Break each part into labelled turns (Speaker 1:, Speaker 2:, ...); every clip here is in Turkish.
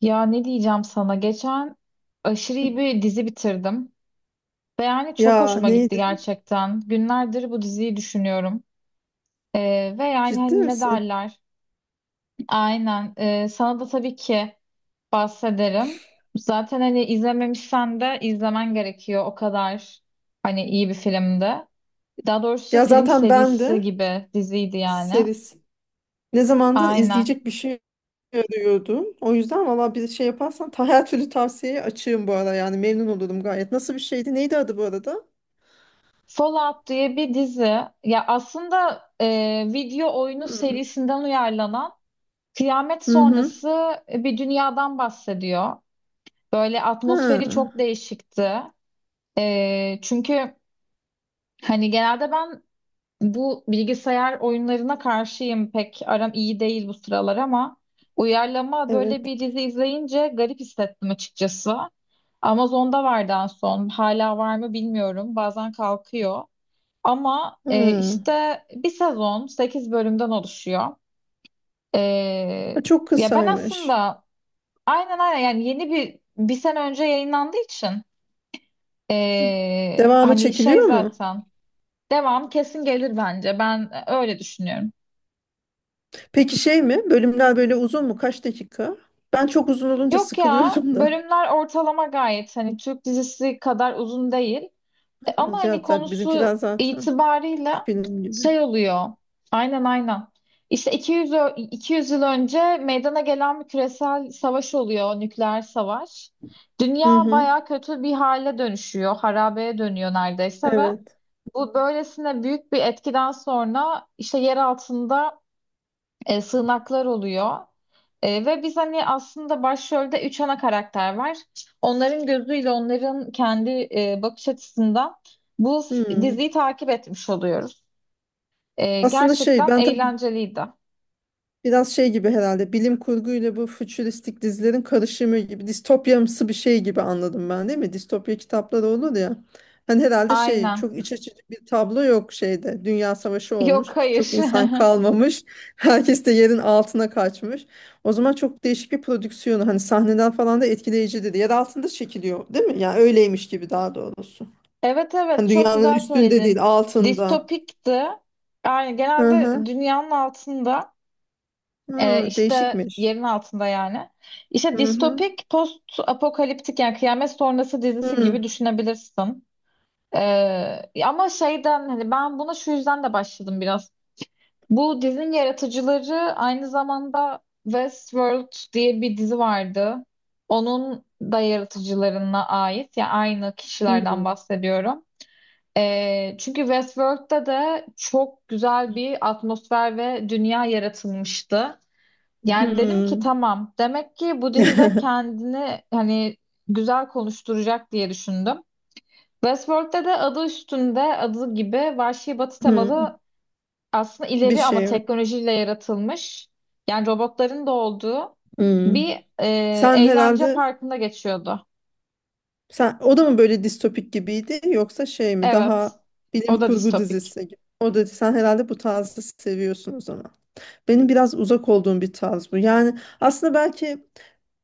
Speaker 1: Ya ne diyeceğim sana? Geçen aşırı iyi bir dizi bitirdim. Ve yani çok
Speaker 2: Ya
Speaker 1: hoşuma gitti
Speaker 2: neydi?
Speaker 1: gerçekten. Günlerdir bu diziyi düşünüyorum. Ve yani
Speaker 2: Ciddi
Speaker 1: hani ne
Speaker 2: misin?
Speaker 1: derler? Aynen. Sana da tabii ki bahsederim. Zaten hani izlememişsen de izlemen gerekiyor. O kadar hani iyi bir filmdi. Daha doğrusu
Speaker 2: Ya
Speaker 1: film
Speaker 2: zaten ben
Speaker 1: serisi
Speaker 2: de
Speaker 1: gibi diziydi yani.
Speaker 2: seris. Ne zamandır
Speaker 1: Aynen.
Speaker 2: izleyecek bir şey arıyordum. O yüzden valla bir şey yaparsan her türlü tavsiyeye açığım bu ara yani memnun olurum gayet. Nasıl bir şeydi? Neydi adı bu arada?
Speaker 1: Fallout diye bir dizi. Ya aslında video oyunu
Speaker 2: Hmm.
Speaker 1: serisinden uyarlanan kıyamet
Speaker 2: Hı hı.
Speaker 1: sonrası bir dünyadan bahsediyor. Böyle atmosferi çok
Speaker 2: Ha,
Speaker 1: değişikti. Çünkü hani genelde ben bu bilgisayar oyunlarına karşıyım. Pek aram iyi değil bu sıralar ama uyarlama böyle
Speaker 2: evet.
Speaker 1: bir dizi izleyince garip hissettim açıkçası. Amazon'da vardı en son. Hala var mı bilmiyorum. Bazen kalkıyor. Ama
Speaker 2: Hı.
Speaker 1: işte bir sezon 8 bölümden oluşuyor. Ee,
Speaker 2: Ha, çok
Speaker 1: ya ben
Speaker 2: kısaymış.
Speaker 1: aslında aynen, yani yeni bir sene önce yayınlandığı için
Speaker 2: Hı. Devamı
Speaker 1: hani şey
Speaker 2: çekiliyor mu?
Speaker 1: zaten devam kesin gelir bence, ben öyle düşünüyorum.
Speaker 2: Peki şey mi? Bölümler böyle uzun mu? Kaç dakika? Ben çok uzun olunca
Speaker 1: Yok ya,
Speaker 2: sıkılıyorum da.
Speaker 1: bölümler ortalama gayet hani Türk dizisi kadar uzun değil.
Speaker 2: Ha,
Speaker 1: Ama hani
Speaker 2: zaten
Speaker 1: konusu
Speaker 2: bizimkiler zaten
Speaker 1: itibarıyla
Speaker 2: film gibi.
Speaker 1: şey oluyor, aynen, işte 200 yıl önce meydana gelen bir küresel savaş oluyor, nükleer savaş.
Speaker 2: Hı
Speaker 1: Dünya
Speaker 2: hı.
Speaker 1: baya kötü bir hale dönüşüyor, harabeye dönüyor neredeyse. Ve
Speaker 2: Evet.
Speaker 1: bu böylesine büyük bir etkiden sonra işte yer altında sığınaklar oluyor. Ve biz hani aslında başrolde üç ana karakter var. Onların gözüyle, onların kendi bakış açısından
Speaker 2: Hmm.
Speaker 1: diziyi takip etmiş oluyoruz.
Speaker 2: Aslında şey
Speaker 1: Gerçekten
Speaker 2: ben tabii
Speaker 1: eğlenceliydi.
Speaker 2: biraz şey gibi herhalde bilim kurguyla bu fütüristik dizilerin karışımı gibi distopyamsı bir şey gibi anladım ben, değil mi? Distopya kitapları olur ya. Hani herhalde şey
Speaker 1: Aynen.
Speaker 2: çok iç açıcı bir tablo yok şeyde. Dünya savaşı
Speaker 1: Yok,
Speaker 2: olmuş. Çok
Speaker 1: hayır.
Speaker 2: insan kalmamış. Herkes de yerin altına kaçmış. O zaman çok değişik bir prodüksiyonu hani sahneler falan da etkileyici dedi. Yer altında çekiliyor değil mi? Yani öyleymiş gibi daha doğrusu.
Speaker 1: Evet, evet,
Speaker 2: Hani
Speaker 1: çok
Speaker 2: dünyanın
Speaker 1: güzel
Speaker 2: üstünde değil
Speaker 1: söyledin.
Speaker 2: altında.
Speaker 1: Distopikti. Yani
Speaker 2: Hı
Speaker 1: genelde
Speaker 2: hı.
Speaker 1: dünyanın altında.
Speaker 2: Hı,
Speaker 1: İşte
Speaker 2: değişikmiş.
Speaker 1: yerin altında yani. İşte
Speaker 2: Hı hı.
Speaker 1: distopik, post apokaliptik, yani kıyamet sonrası dizisi gibi
Speaker 2: Hı.
Speaker 1: düşünebilirsin. Ama şeyden, hani ben buna şu yüzden de başladım biraz. Bu dizinin yaratıcıları aynı zamanda Westworld diye bir dizi vardı. Onun da yaratıcılarına ait, ya yani aynı kişilerden bahsediyorum. Çünkü Westworld'da da çok güzel bir atmosfer ve dünya yaratılmıştı. Yani dedim ki
Speaker 2: Hı.
Speaker 1: tamam. Demek ki bu dizide kendini hani güzel konuşturacak diye düşündüm. Westworld'de de adı üstünde, adı gibi vahşi batı
Speaker 2: Hı.
Speaker 1: temalı, aslında
Speaker 2: Bir
Speaker 1: ileri ama
Speaker 2: şey var.
Speaker 1: teknolojiyle yaratılmış. Yani robotların da olduğu
Speaker 2: Hı.
Speaker 1: bir e,
Speaker 2: Sen
Speaker 1: eğlence
Speaker 2: herhalde
Speaker 1: parkında geçiyordu.
Speaker 2: sen o da mı böyle distopik gibiydi yoksa şey mi
Speaker 1: Evet.
Speaker 2: daha
Speaker 1: O
Speaker 2: bilim
Speaker 1: da
Speaker 2: kurgu
Speaker 1: distopik.
Speaker 2: dizisi gibi? O da sen herhalde bu tarzı seviyorsun o zaman. Benim biraz uzak olduğum bir tarz bu. Yani aslında belki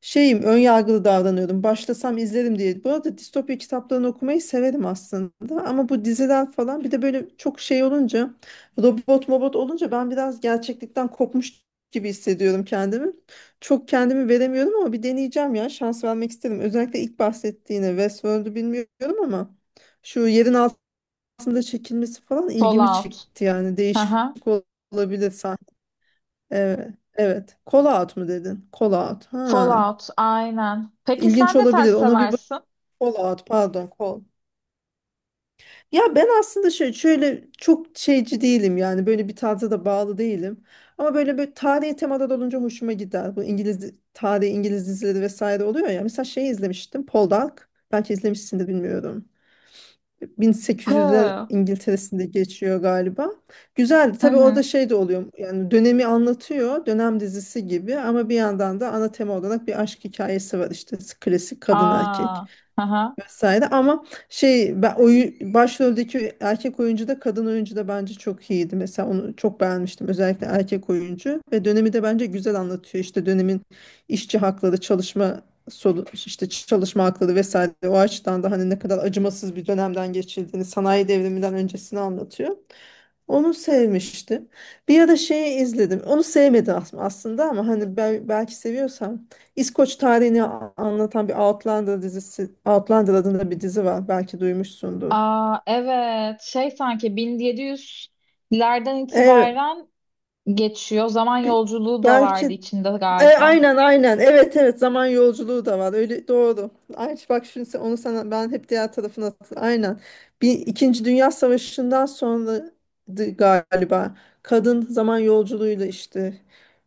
Speaker 2: şeyim ön yargılı davranıyordum. Başlasam izlerim diye. Bu arada distopya kitaplarını okumayı severim aslında. Ama bu diziler falan bir de böyle çok şey olunca robot mobot olunca ben biraz gerçeklikten kopmuş gibi hissediyorum kendimi. Çok kendimi veremiyorum ama bir deneyeceğim ya. Şans vermek isterim. Özellikle ilk bahsettiğine Westworld'u bilmiyorum ama şu yerin altında çekilmesi falan ilgimi
Speaker 1: Fallout.
Speaker 2: çekti, yani
Speaker 1: Hı
Speaker 2: değişik
Speaker 1: hı.
Speaker 2: olabilir. Evet. Evet. Call out mu dedin? Call out. Ha.
Speaker 1: Fallout. Aynen. Peki
Speaker 2: İlginç
Speaker 1: sen ne tarz
Speaker 2: olabilir. Ona bir bak.
Speaker 1: seversin?
Speaker 2: Call out. Pardon. Call. Ya ben aslında şey şöyle çok şeyci değilim yani böyle bir tarza da bağlı değilim. Ama böyle bir tarihi temalar olunca hoşuma gider. Bu İngiliz tarihi İngiliz dizileri vesaire oluyor ya. Mesela şey izlemiştim. Poldark. Belki izlemişsin de bilmiyorum. 1800'ler
Speaker 1: Hı.
Speaker 2: İngiltere'sinde geçiyor galiba. Güzeldi.
Speaker 1: Hı
Speaker 2: Tabii orada
Speaker 1: hı.
Speaker 2: şey de oluyor. Yani dönemi anlatıyor. Dönem dizisi gibi ama bir yandan da ana tema olarak bir aşk hikayesi var işte. Klasik kadın erkek
Speaker 1: Aa. Hı hı.
Speaker 2: vesaire ama şey ben başroldeki erkek oyuncu da kadın oyuncu da bence çok iyiydi. Mesela onu çok beğenmiştim, özellikle erkek oyuncu, ve dönemi de bence güzel anlatıyor. İşte dönemin işçi hakları, çalışma solu işte çalışma hakları vesaire, o açıdan da hani ne kadar acımasız bir dönemden geçildiğini, sanayi devriminden öncesini anlatıyor. Onu sevmiştim. Bir ara şeyi izledim. Onu sevmedim aslında ama hani belki seviyorsam İskoç tarihini anlatan bir Outlander dizisi, Outlander adında bir dizi var. Belki duymuşsundur.
Speaker 1: Aa, evet, şey sanki bin yedi yüzlerden
Speaker 2: Evet,
Speaker 1: itibaren geçiyor. Zaman
Speaker 2: bi-
Speaker 1: yolculuğu da vardı
Speaker 2: belki.
Speaker 1: içinde galiba.
Speaker 2: Aynen aynen. Evet evet zaman yolculuğu da var. Öyle doğru. Ay bak şimdi onu sana ben hep diğer tarafına aynen. Bir İkinci Dünya Savaşı'ndan sonra galiba kadın zaman yolculuğuyla işte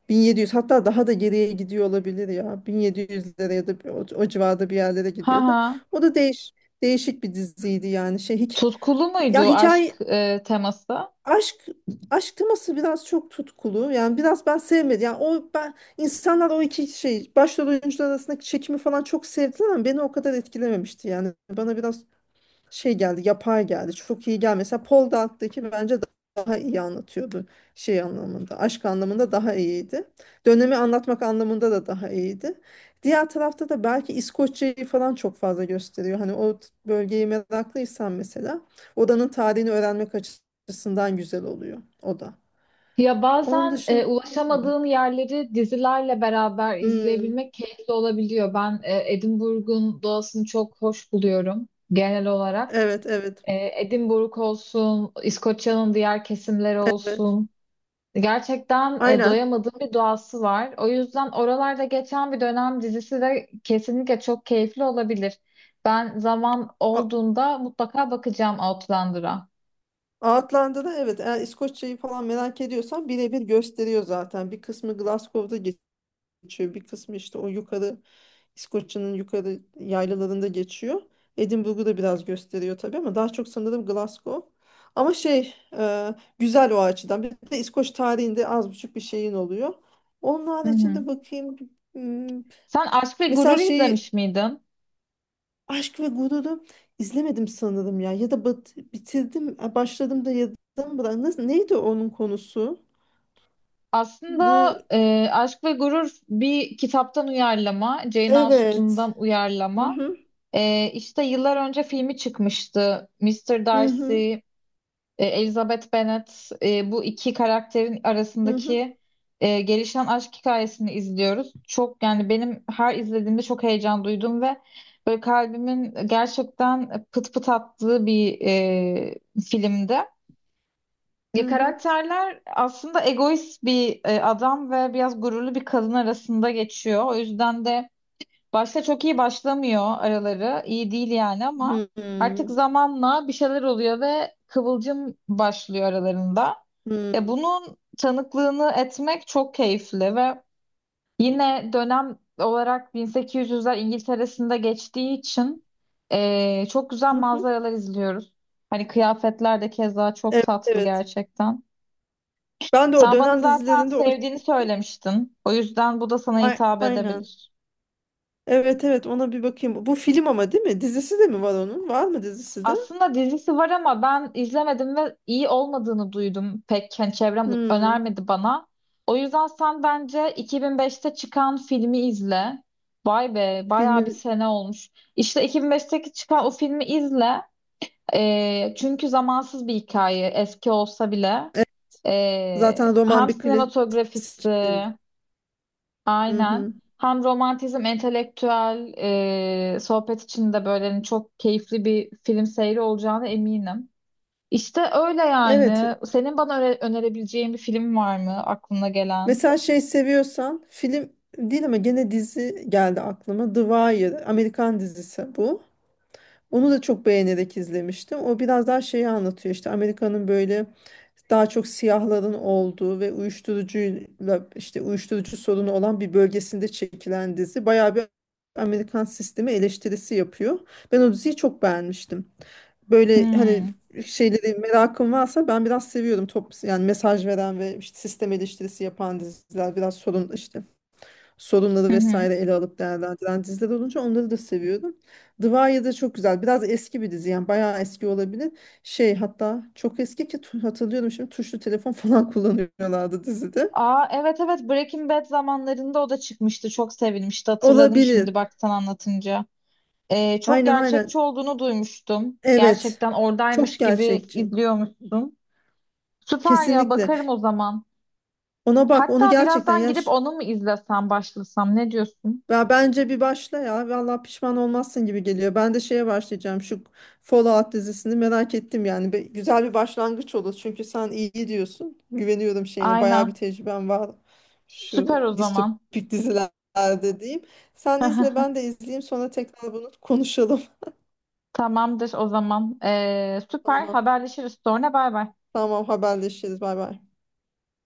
Speaker 2: 1700 hatta daha da geriye gidiyor olabilir ya. 1700'lere ya da o civarda bir yerlere
Speaker 1: Ha
Speaker 2: gidiyordu.
Speaker 1: ha.
Speaker 2: O da değişik bir diziydi yani şey hiç,
Speaker 1: Tutkulu
Speaker 2: ya
Speaker 1: muydu aşk
Speaker 2: hikaye
Speaker 1: teması?
Speaker 2: aşk aşk teması biraz çok tutkulu. Yani biraz ben sevmedim. Yani o ben insanlar o iki şey başrol oyuncular arasındaki çekimi falan çok sevdiler ama beni o kadar etkilememişti. Yani bana biraz şey geldi, yapay geldi, çok iyi geldi. Mesela Paul Dark'taki bence daha iyi anlatıyordu, şey anlamında aşk anlamında daha iyiydi, dönemi anlatmak anlamında da daha iyiydi. Diğer tarafta da belki İskoçya'yı falan çok fazla gösteriyor, hani o bölgeyi meraklıysan mesela odanın tarihini öğrenmek açısından güzel oluyor o da,
Speaker 1: Ya
Speaker 2: onun
Speaker 1: bazen
Speaker 2: dışında. Hmm.
Speaker 1: ulaşamadığın yerleri dizilerle beraber
Speaker 2: Hmm.
Speaker 1: izleyebilmek keyifli olabiliyor. Ben Edinburgh'un doğasını çok hoş buluyorum genel olarak.
Speaker 2: Evet evet
Speaker 1: Edinburgh olsun, İskoçya'nın diğer kesimleri
Speaker 2: evet,
Speaker 1: olsun. Gerçekten
Speaker 2: aynen.
Speaker 1: doyamadığım bir doğası var. O yüzden oralarda geçen bir dönem dizisi de kesinlikle çok keyifli olabilir. Ben zaman
Speaker 2: A-
Speaker 1: olduğunda mutlaka bakacağım Outlander'a.
Speaker 2: Outlander'da evet, eğer İskoçya'yı falan merak ediyorsan birebir gösteriyor zaten. Bir kısmı Glasgow'da geçiyor. Bir kısmı işte o yukarı İskoçya'nın yukarı yaylalarında geçiyor. Edinburgh'u da biraz gösteriyor tabii ama daha çok sanırım Glasgow. Ama şey güzel o açıdan. Bir de İskoç tarihinde az buçuk bir şeyin oluyor. Onun
Speaker 1: Hı hı.
Speaker 2: haricinde bakayım. Hmm.
Speaker 1: Sen Aşk ve
Speaker 2: Mesela
Speaker 1: Gurur
Speaker 2: şeyi
Speaker 1: izlemiş miydin?
Speaker 2: Aşk ve Gurur'u izlemedim sanırım ya. Ya da bitirdim, başladım da yarıdan bırak. Nasıl, neydi onun konusu? Bu
Speaker 1: Aslında Aşk ve Gurur bir kitaptan uyarlama, Jane
Speaker 2: evet.
Speaker 1: Austen'dan
Speaker 2: Hı
Speaker 1: uyarlama.
Speaker 2: hı.
Speaker 1: İşte yıllar önce filmi çıkmıştı. Mister
Speaker 2: Hı hı.
Speaker 1: Darcy, Elizabeth Bennet, bu iki karakterin
Speaker 2: Hı hı.
Speaker 1: arasındaki gelişen aşk hikayesini izliyoruz. Çok, yani benim her izlediğimde çok heyecan duydum ve böyle kalbimin gerçekten pıt pıt attığı bir filmdi. Ya
Speaker 2: Hı hı.
Speaker 1: karakterler aslında egoist bir adam ve biraz gururlu bir kadın arasında geçiyor. O yüzden de başta çok iyi başlamıyor araları. İyi değil yani, ama
Speaker 2: Hı
Speaker 1: artık
Speaker 2: hı.
Speaker 1: zamanla bir şeyler oluyor ve kıvılcım başlıyor aralarında.
Speaker 2: Hı
Speaker 1: Bunun tanıklığını etmek çok keyifli ve yine dönem olarak 1800'ler İngiltere'sinde geçtiği için çok güzel
Speaker 2: hı.
Speaker 1: manzaralar izliyoruz. Hani kıyafetler de keza çok
Speaker 2: Evet,
Speaker 1: tatlı
Speaker 2: evet.
Speaker 1: gerçekten.
Speaker 2: Ben de o
Speaker 1: Sen bana
Speaker 2: dönem
Speaker 1: zaten
Speaker 2: dizilerinde o
Speaker 1: sevdiğini söylemiştin. O yüzden bu da sana hitap
Speaker 2: Aynen.
Speaker 1: edebilir.
Speaker 2: Evet evet, ona bir bakayım. Bu film ama değil mi? Dizisi de mi var onun? Var mı dizisi de?
Speaker 1: Aslında dizisi var ama ben izlemedim ve iyi olmadığını duydum. Pek hani çevrem
Speaker 2: Hmm.
Speaker 1: önermedi bana. O yüzden sen bence 2005'te çıkan filmi izle. Vay be, bayağı bir
Speaker 2: Filmi
Speaker 1: sene olmuş. İşte 2005'teki çıkan o filmi izle. Çünkü zamansız bir hikaye, eski olsa bile.
Speaker 2: Evet, zaten roman
Speaker 1: Hem
Speaker 2: bir klasik.
Speaker 1: sinematografisi
Speaker 2: Hı
Speaker 1: aynen.
Speaker 2: hı.
Speaker 1: Hem romantizm, entelektüel sohbet için de böyle hani çok keyifli bir film seyri olacağına eminim. İşte öyle
Speaker 2: Evet.
Speaker 1: yani. Senin bana önerebileceğin bir film var mı aklına gelen?
Speaker 2: Mesela şey, seviyorsan film değil ama gene dizi geldi aklıma. The Wire, Amerikan dizisi bu. Onu da çok beğenerek izlemiştim. O biraz daha şeyi anlatıyor, işte Amerika'nın böyle daha çok siyahların olduğu ve uyuşturucuyla işte uyuşturucu sorunu olan bir bölgesinde çekilen dizi. Bayağı bir Amerikan sistemi eleştirisi yapıyor. Ben o diziyi çok beğenmiştim. Böyle hani
Speaker 1: Hmm.
Speaker 2: şeyleri merakım varsa ben biraz seviyorum. Yani mesaj veren ve işte sistem eleştirisi yapan diziler, biraz sorun işte sorunları
Speaker 1: Hı hı.
Speaker 2: vesaire ele alıp değerlendiren diziler olunca onları da seviyorum. The Wire da çok güzel. Biraz eski bir dizi yani bayağı eski olabilir. Şey hatta çok eski ki hatırlıyorum şimdi tuşlu telefon falan kullanıyorlardı dizide.
Speaker 1: Aa, evet evet, Breaking Bad zamanlarında o da çıkmıştı. Çok sevilmişti. Hatırladım şimdi
Speaker 2: Olabilir.
Speaker 1: bak sen anlatınca. Çok
Speaker 2: Aynen aynen.
Speaker 1: gerçekçi olduğunu duymuştum.
Speaker 2: Evet.
Speaker 1: Gerçekten oradaymış
Speaker 2: Çok
Speaker 1: gibi
Speaker 2: gerçekçi.
Speaker 1: izliyormuştum. Süper ya,
Speaker 2: Kesinlikle.
Speaker 1: bakarım o zaman.
Speaker 2: Ona bak onu,
Speaker 1: Hatta
Speaker 2: gerçekten
Speaker 1: birazdan
Speaker 2: ya.
Speaker 1: gidip onu mu izlesem, başlasam, ne diyorsun?
Speaker 2: Ya bence bir başla ya. Vallahi pişman olmazsın gibi geliyor. Ben de şeye başlayacağım. Şu Fallout dizisini merak ettim yani. Güzel bir başlangıç olur. Çünkü sen iyi diyorsun. Güveniyorum şeyine. Bayağı bir
Speaker 1: Aynen.
Speaker 2: tecrüben var.
Speaker 1: Süper
Speaker 2: Şu
Speaker 1: o zaman.
Speaker 2: distopik dizilerde diyeyim. Sen izle ben de izleyeyim. Sonra tekrar bunu konuşalım.
Speaker 1: Tamamdır o zaman. Süper,
Speaker 2: Tamam.
Speaker 1: haberleşiriz sonra, bay bay.
Speaker 2: Tamam, haberleşiriz. Bay bay.